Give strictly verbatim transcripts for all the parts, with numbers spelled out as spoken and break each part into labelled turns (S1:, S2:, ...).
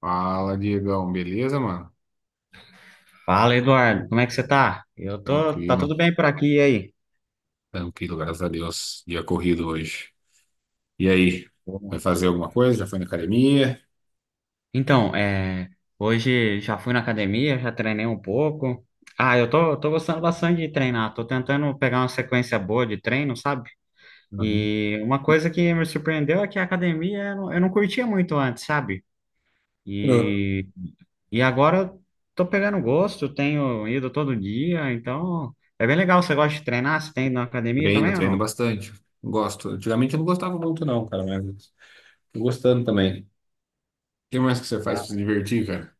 S1: Fala, Diegão, beleza, mano?
S2: Fala, Eduardo, como é que você tá? Eu tô, tá
S1: Tranquilo,
S2: tudo bem por aqui, e aí?
S1: tranquilo, graças a Deus. Dia corrido hoje. E aí, vai
S2: Bom.
S1: fazer alguma coisa? Já foi na academia?
S2: Então, é, hoje já fui na academia, já treinei um pouco. Ah, eu tô, tô gostando bastante de treinar, tô tentando pegar uma sequência boa de treino, sabe?
S1: Uhum.
S2: E uma coisa que me surpreendeu é que a academia eu não, eu não curtia muito antes, sabe?
S1: Ah.
S2: E, e agora eu tô pegando gosto, tenho ido todo dia, então é bem legal. Você gosta de treinar? Você tem ido na academia
S1: Treino,
S2: também ou
S1: treino
S2: não?
S1: bastante. Gosto. Antigamente eu não gostava muito, não, cara, mas tô gostando também. O que mais que você faz pra se divertir, cara?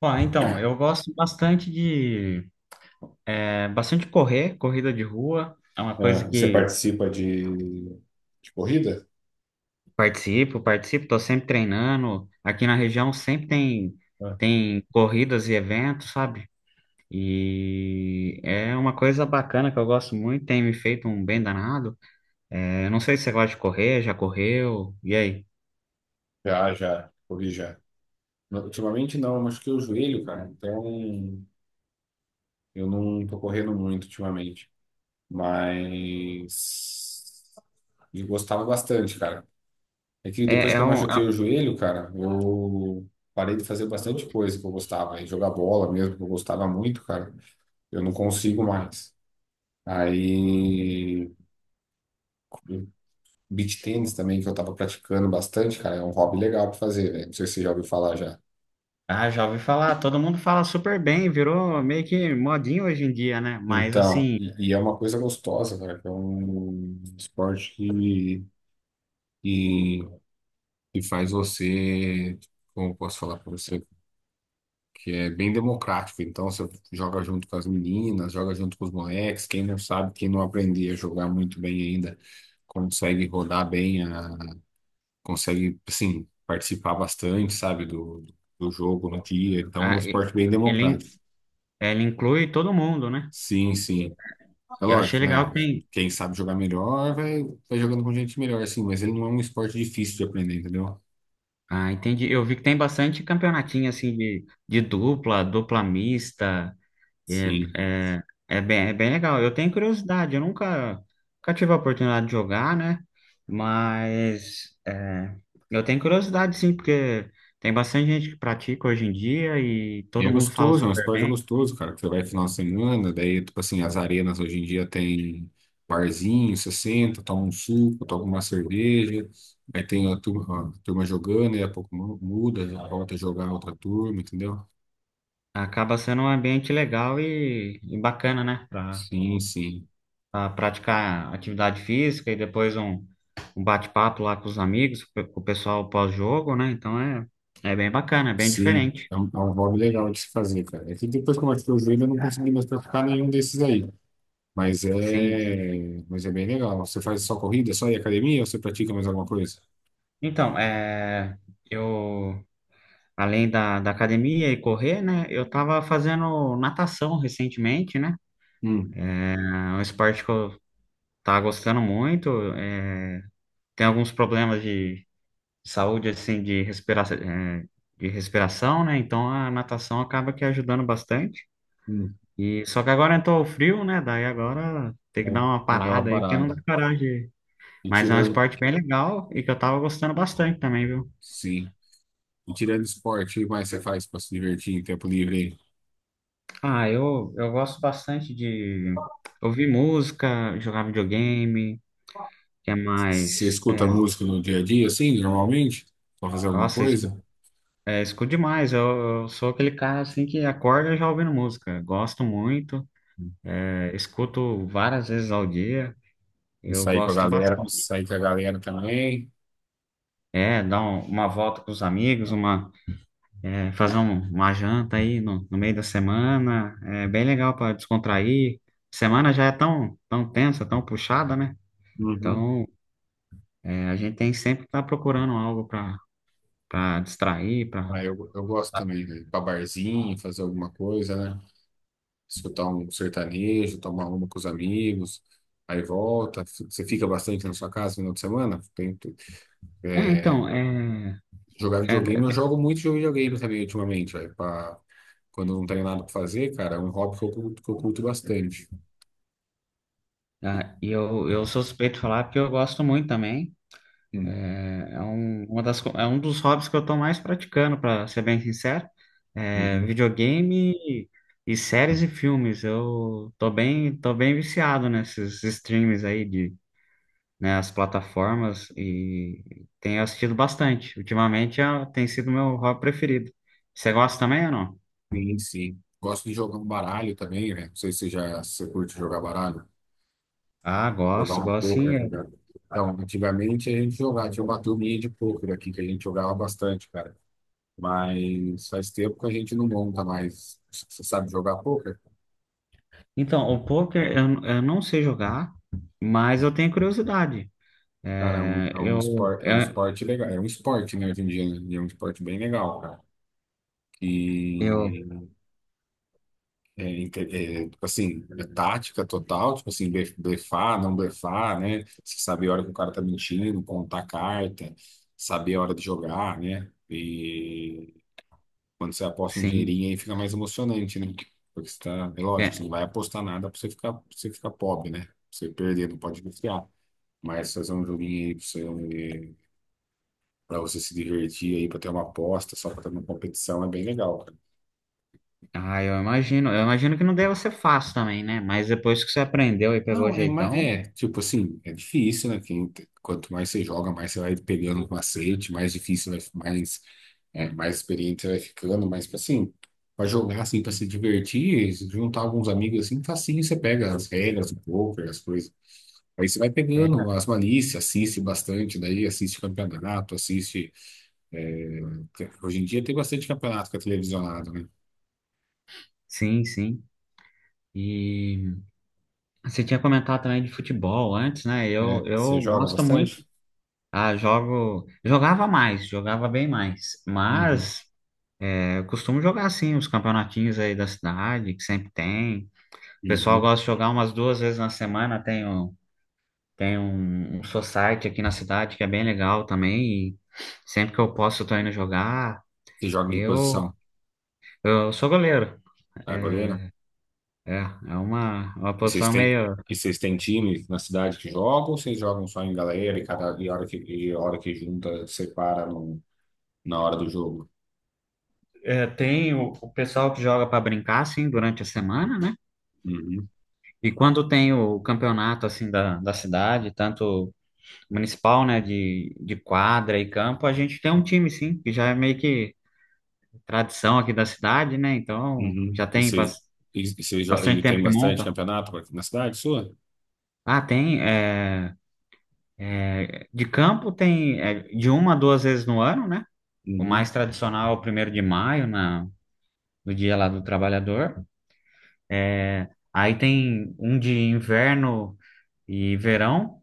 S2: Ó, então, eu gosto bastante de é, bastante correr, corrida de rua. É uma
S1: Ah,
S2: coisa
S1: e você
S2: que
S1: participa de, de corrida?
S2: participo, participo, tô sempre treinando. Aqui na região sempre tem
S1: Ah.
S2: tem corridas e eventos, sabe? E é uma coisa bacana que eu gosto muito, tem me feito um bem danado. É, não sei se você gosta de correr, já correu, e aí?
S1: Já, já, corri já. Ultimamente não, eu machuquei o joelho, cara. Então, eu não tô correndo muito ultimamente, mas eu gostava bastante, cara. É que
S2: É,
S1: depois que
S2: é
S1: eu
S2: um,
S1: machuquei
S2: é-
S1: o joelho, cara, eu parei de fazer bastante coisa que eu gostava, e jogar bola mesmo, que eu gostava muito, cara. Eu não consigo mais. Aí, beach tennis também, que eu tava praticando bastante, cara, é um hobby legal pra fazer, velho. Não sei se você já ouviu falar já.
S2: ah, já ouvi falar, todo mundo fala super bem, virou meio que modinho hoje em dia, né? Mas
S1: Então,
S2: assim,
S1: e, e é uma coisa gostosa, cara, que é um esporte que, que que faz você, como eu posso falar para você, que é bem democrático. Então você joga junto com as meninas, joga junto com os moleques. Quem não sabe, quem não aprende a jogar muito bem ainda, consegue rodar bem, a- consegue, assim, participar bastante, sabe, do, do jogo no dia. Então é um
S2: a-
S1: esporte bem
S2: ele,
S1: democrático.
S2: ela inclui todo mundo, né?
S1: Sim, sim. É
S2: Eu achei
S1: lógico,
S2: legal
S1: né?
S2: que tem.
S1: Quem sabe jogar melhor vai, vai jogando com gente melhor, assim, mas ele não é um esporte difícil de aprender, entendeu?
S2: Ah, entendi. Eu vi que tem bastante campeonatinho assim de, de dupla, dupla mista. É,
S1: Sim.
S2: é, é bem, é bem legal. Eu tenho curiosidade, eu nunca, nunca tive a oportunidade de jogar, né? Mas é, eu tenho curiosidade, sim, porque tem bastante gente que pratica hoje em dia e
S1: E é
S2: todo mundo fala
S1: gostoso, é um
S2: super
S1: esporte
S2: bem.
S1: gostoso, cara, que você vai final de semana, daí, tipo assim, as arenas hoje em dia tem barzinho, você senta, toma um suco, toma uma cerveja, aí tem a turma, a turma jogando, e a pouco mu- muda, já volta a jogar outra turma, entendeu?
S2: Acaba sendo um ambiente legal e, e bacana, né?
S1: Sim, sim,
S2: A praticar atividade física e depois um, um bate-papo lá com os amigos, com o pessoal pós-jogo, né? Então é, é bem bacana, é bem
S1: sim,
S2: diferente.
S1: é um, é um hobby legal de se fazer, cara. É que depois que eu machuquei o joelho, eu não consegui mais praticar nenhum desses aí, mas
S2: Sim, sim.
S1: é, mas é bem legal. Você faz só corrida, só ir à academia, ou você pratica mais alguma coisa?
S2: Então, é, eu, além da, da academia e correr, né? Eu tava fazendo natação recentemente, né?
S1: Hum,
S2: É um esporte que eu tava gostando muito. é, tem alguns problemas de saúde, assim, de respiração, de respiração, né? Então a natação acaba que ajudando bastante.
S1: hum,
S2: E só que agora entrou o frio, né? Daí agora tem que dar
S1: eu,
S2: uma
S1: eu uma
S2: parada aí, porque não dá
S1: parada.
S2: coragem.
S1: E
S2: Mas é um
S1: tirando,
S2: esporte bem legal e que eu tava gostando bastante também, viu?
S1: sim. E tirando esporte, o que mais você faz para se divertir em tempo livre? Aí
S2: Ah, eu, eu gosto bastante de ouvir música, jogar videogame, que é
S1: você
S2: mais.
S1: escuta
S2: É,
S1: música no dia a dia, assim, normalmente? Pra fazer alguma
S2: nossa,
S1: coisa?
S2: escu- é, escuto demais. Eu, eu sou aquele cara assim que acorda já ouvindo música. Gosto muito, é, escuto várias vezes ao dia.
S1: E
S2: Eu
S1: sair com a
S2: gosto
S1: galera,
S2: bastante.
S1: sair com a galera também.
S2: É, dar um- uma volta com os amigos, uma É, fazer um- uma janta aí no, no meio da semana é bem legal para descontrair. Semana já é tão, tão tensa, tão puxada, né?
S1: Uhum.
S2: Então, é, a gente tem que sempre estar procurando algo para para distrair, para.
S1: Ah, eu, eu gosto também, né? Ir pra barzinho, fazer alguma coisa, né? Escutar um sertanejo, tomar uma com os amigos, aí volta. Você fica bastante na sua casa no final de semana?
S2: É,
S1: Tem,
S2: então, é,
S1: jogar
S2: é,
S1: videogame, eu
S2: é-
S1: jogo muito jogo de videogame também ultimamente, velho. pra- Quando eu não tenho nada pra fazer, cara, é um hobby que eu, curto- que eu curto bastante.
S2: ah, e eu, eu sou suspeito de falar porque eu gosto muito também.
S1: Hum,
S2: É é um, uma das, co- é um dos hobbies que eu estou mais praticando, para ser bem sincero. É
S1: uhum.
S2: videogame e, e séries e filmes. Eu tô bem, tô bem viciado nesses streams aí de, né, as plataformas e tenho assistido bastante. Ultimamente é- tem sido meu hobby preferido. Você gosta também ou não?
S1: Sim, sim. Gosto de jogar um baralho também, né? Não sei se você já se você curte jogar baralho.
S2: Ah,
S1: Jogar
S2: gosto,
S1: um
S2: gosto sim.
S1: poker, né,
S2: É.
S1: cara? Então, antigamente a gente jogava, tinha uma turminha de poker aqui que a gente jogava bastante, cara. Mas faz tempo que a gente não monta mais. Você sabe jogar poker?
S2: Então, o poker eu, eu não sei jogar, mas eu tenho curiosidade.
S1: Cara, é um,
S2: É,
S1: é um
S2: eu,
S1: esporte, é um
S2: eu,
S1: esporte legal. É um esporte, né, hoje em dia, né? E é um esporte bem legal, cara. E
S2: eu,
S1: é, inte- é, tipo assim, é tática total, tipo assim, blef- blefar, não blefar, né? Você saber a hora que o cara tá mentindo, contar a carta, saber a hora de jogar, né? E quando você aposta um
S2: sim.
S1: dinheirinho aí fica mais emocionante, né? Porque você tá, é lógico, você não vai apostar nada pra você ficar, pra você ficar pobre, né? Pra você perder, não pode confiar. Mas fazer um joguinho aí pra você, pra você se divertir aí, pra ter uma aposta, só pra ter uma competição é bem legal.
S2: Ah, eu imagino. Eu imagino que não deva ser fácil também, né? Mas depois que você aprendeu e pegou o
S1: Não, é, ma-
S2: jeitão,
S1: é, tipo assim, é difícil, né? Quem, quanto mais você joga, mais você vai pegando o macete, mais difícil, vai- mais, é, mais experiente você vai ficando, mas, tipo assim, pra jogar, assim, pra se divertir, se juntar alguns amigos, assim, facinho, você pega as regras do poker, as coisas. Aí você vai
S2: é.
S1: pegando as malícias, assiste bastante, daí assiste campeonato, assiste. É, hoje em dia tem bastante campeonato que é televisionado, né?
S2: Sim, sim. E você tinha comentado também de futebol antes, né? Eu,
S1: É, você
S2: eu
S1: joga
S2: gosto muito.
S1: bastante?
S2: Ah, jogo. Jogava mais, jogava bem mais.
S1: Uhum,
S2: Mas é, eu costumo jogar sim, os campeonatinhos aí da cidade, que sempre tem. O pessoal
S1: uhum.
S2: gosta de jogar umas duas vezes na semana. Tem, um- tem um, um society aqui na cidade que é bem legal também. E sempre que eu posso, eu tô indo jogar.
S1: Você joga em que
S2: Eu.
S1: posição?
S2: Eu sou goleiro. É,
S1: Ah, goleira.
S2: é é uma, uma
S1: E vocês
S2: posição
S1: têm,
S2: meio.
S1: e vocês têm time na cidade que jogam ou vocês jogam só em galera e cada e hora que, e hora que junta, separa no, na hora do jogo?
S2: é, tem o, o pessoal que joga para brincar, assim, durante a semana, né?
S1: Uhum,
S2: E quando tem o campeonato, assim, da, da cidade, tanto municipal, né, de, de quadra e campo, a gente tem um time, sim, que já é meio que tradição aqui da cidade, né? Então,
S1: uhum.
S2: já
S1: E
S2: tem
S1: vocês,
S2: bas-
S1: e, e vocês jo-
S2: bastante
S1: e tem
S2: tempo que
S1: bastante
S2: monta.
S1: campeonato na cidade sua?
S2: Ah, tem. é, de campo tem é, de uma a duas vezes no ano, né? O
S1: Uhum,
S2: mais tradicional é o primeiro de maio, na, no dia lá do trabalhador. Aí tem um de inverno e verão,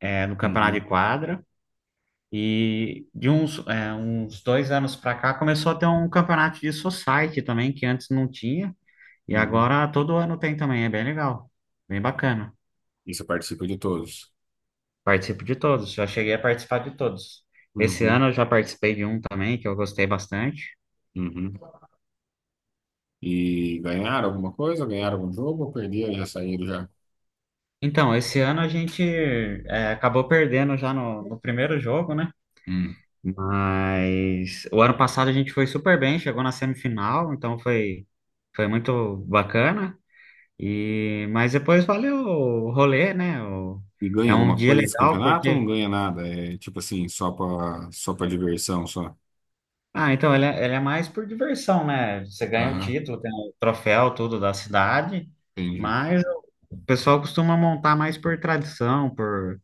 S2: é, no campeonato
S1: uhum,
S2: de quadra. E de uns, é, uns dois anos para cá começou a ter um campeonato de society também, que antes não tinha. E
S1: uhum.
S2: agora todo ano tem também, é bem legal, bem bacana.
S1: E você participa de todos?
S2: Participo de todos, já cheguei a participar de todos. Esse
S1: Uhum,
S2: ano eu já participei de um também, que eu gostei bastante.
S1: uhum. E ganharam alguma coisa? Ganharam algum jogo ou perderam e já saíram já?
S2: Então, esse ano a gente é, acabou perdendo já no, no primeiro jogo, né?
S1: Hum.
S2: Mas o ano passado a gente foi super bem, chegou na semifinal, então foi, foi muito bacana. E, mas depois valeu o rolê, né? O-
S1: E ganha
S2: é um
S1: alguma
S2: dia
S1: coisa desse
S2: legal
S1: campeonato ou não
S2: porque.
S1: ganha nada? É tipo assim, só pra, só pra diversão, só?
S2: Ah, então ele é, ele é mais por diversão, né? Você ganha o
S1: Aham,
S2: título, tem o troféu, tudo da cidade,
S1: entendi.
S2: mas o pessoal costuma montar mais por tradição, por,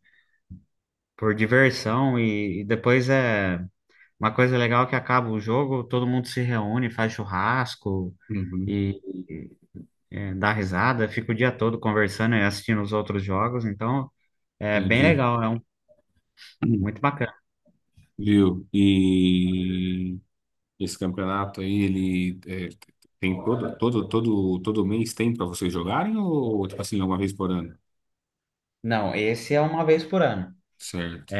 S2: por diversão, e, e depois é uma coisa legal que acaba o jogo, todo mundo se reúne, faz churrasco.
S1: Uhum,
S2: E, é, dar risada, fico o dia todo conversando e assistindo os outros jogos, então é bem
S1: entendi.
S2: legal, é um,
S1: Hum.
S2: muito bacana.
S1: Viu? E esse campeonato aí, ele é, tem todo, todo, todo, todo mês tem para vocês jogarem ou, tipo assim, uma vez por ano?
S2: Não, esse é uma vez por ano.
S1: Certo.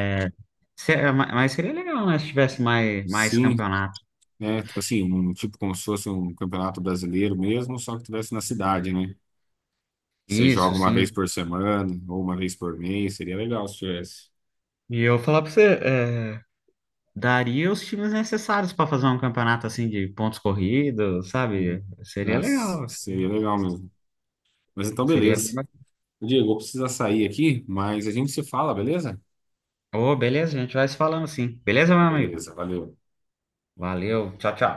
S2: Se- é, ma- Mas seria legal, né, se tivesse mais, mais
S1: Sim,
S2: campeonato.
S1: né? Tipo assim, um, tipo como se fosse um campeonato brasileiro mesmo, só que tivesse na cidade, né? Você
S2: Isso,
S1: joga uma vez
S2: sim.
S1: por semana ou uma vez por mês, seria legal se tivesse.
S2: E eu falar pra você, é, daria os times necessários para fazer um campeonato assim de pontos corridos,
S1: Hum.
S2: sabe? Seria
S1: Nossa,
S2: legal. Seria
S1: seria legal mesmo. Mas então,
S2: seria bem
S1: beleza.
S2: bacana.
S1: Diego, eu vou precisar sair aqui, mas a gente se fala, beleza?
S2: Ô, beleza, a gente vai se falando sim. Beleza, meu amigo?
S1: Beleza, valeu.
S2: Valeu, tchau, tchau.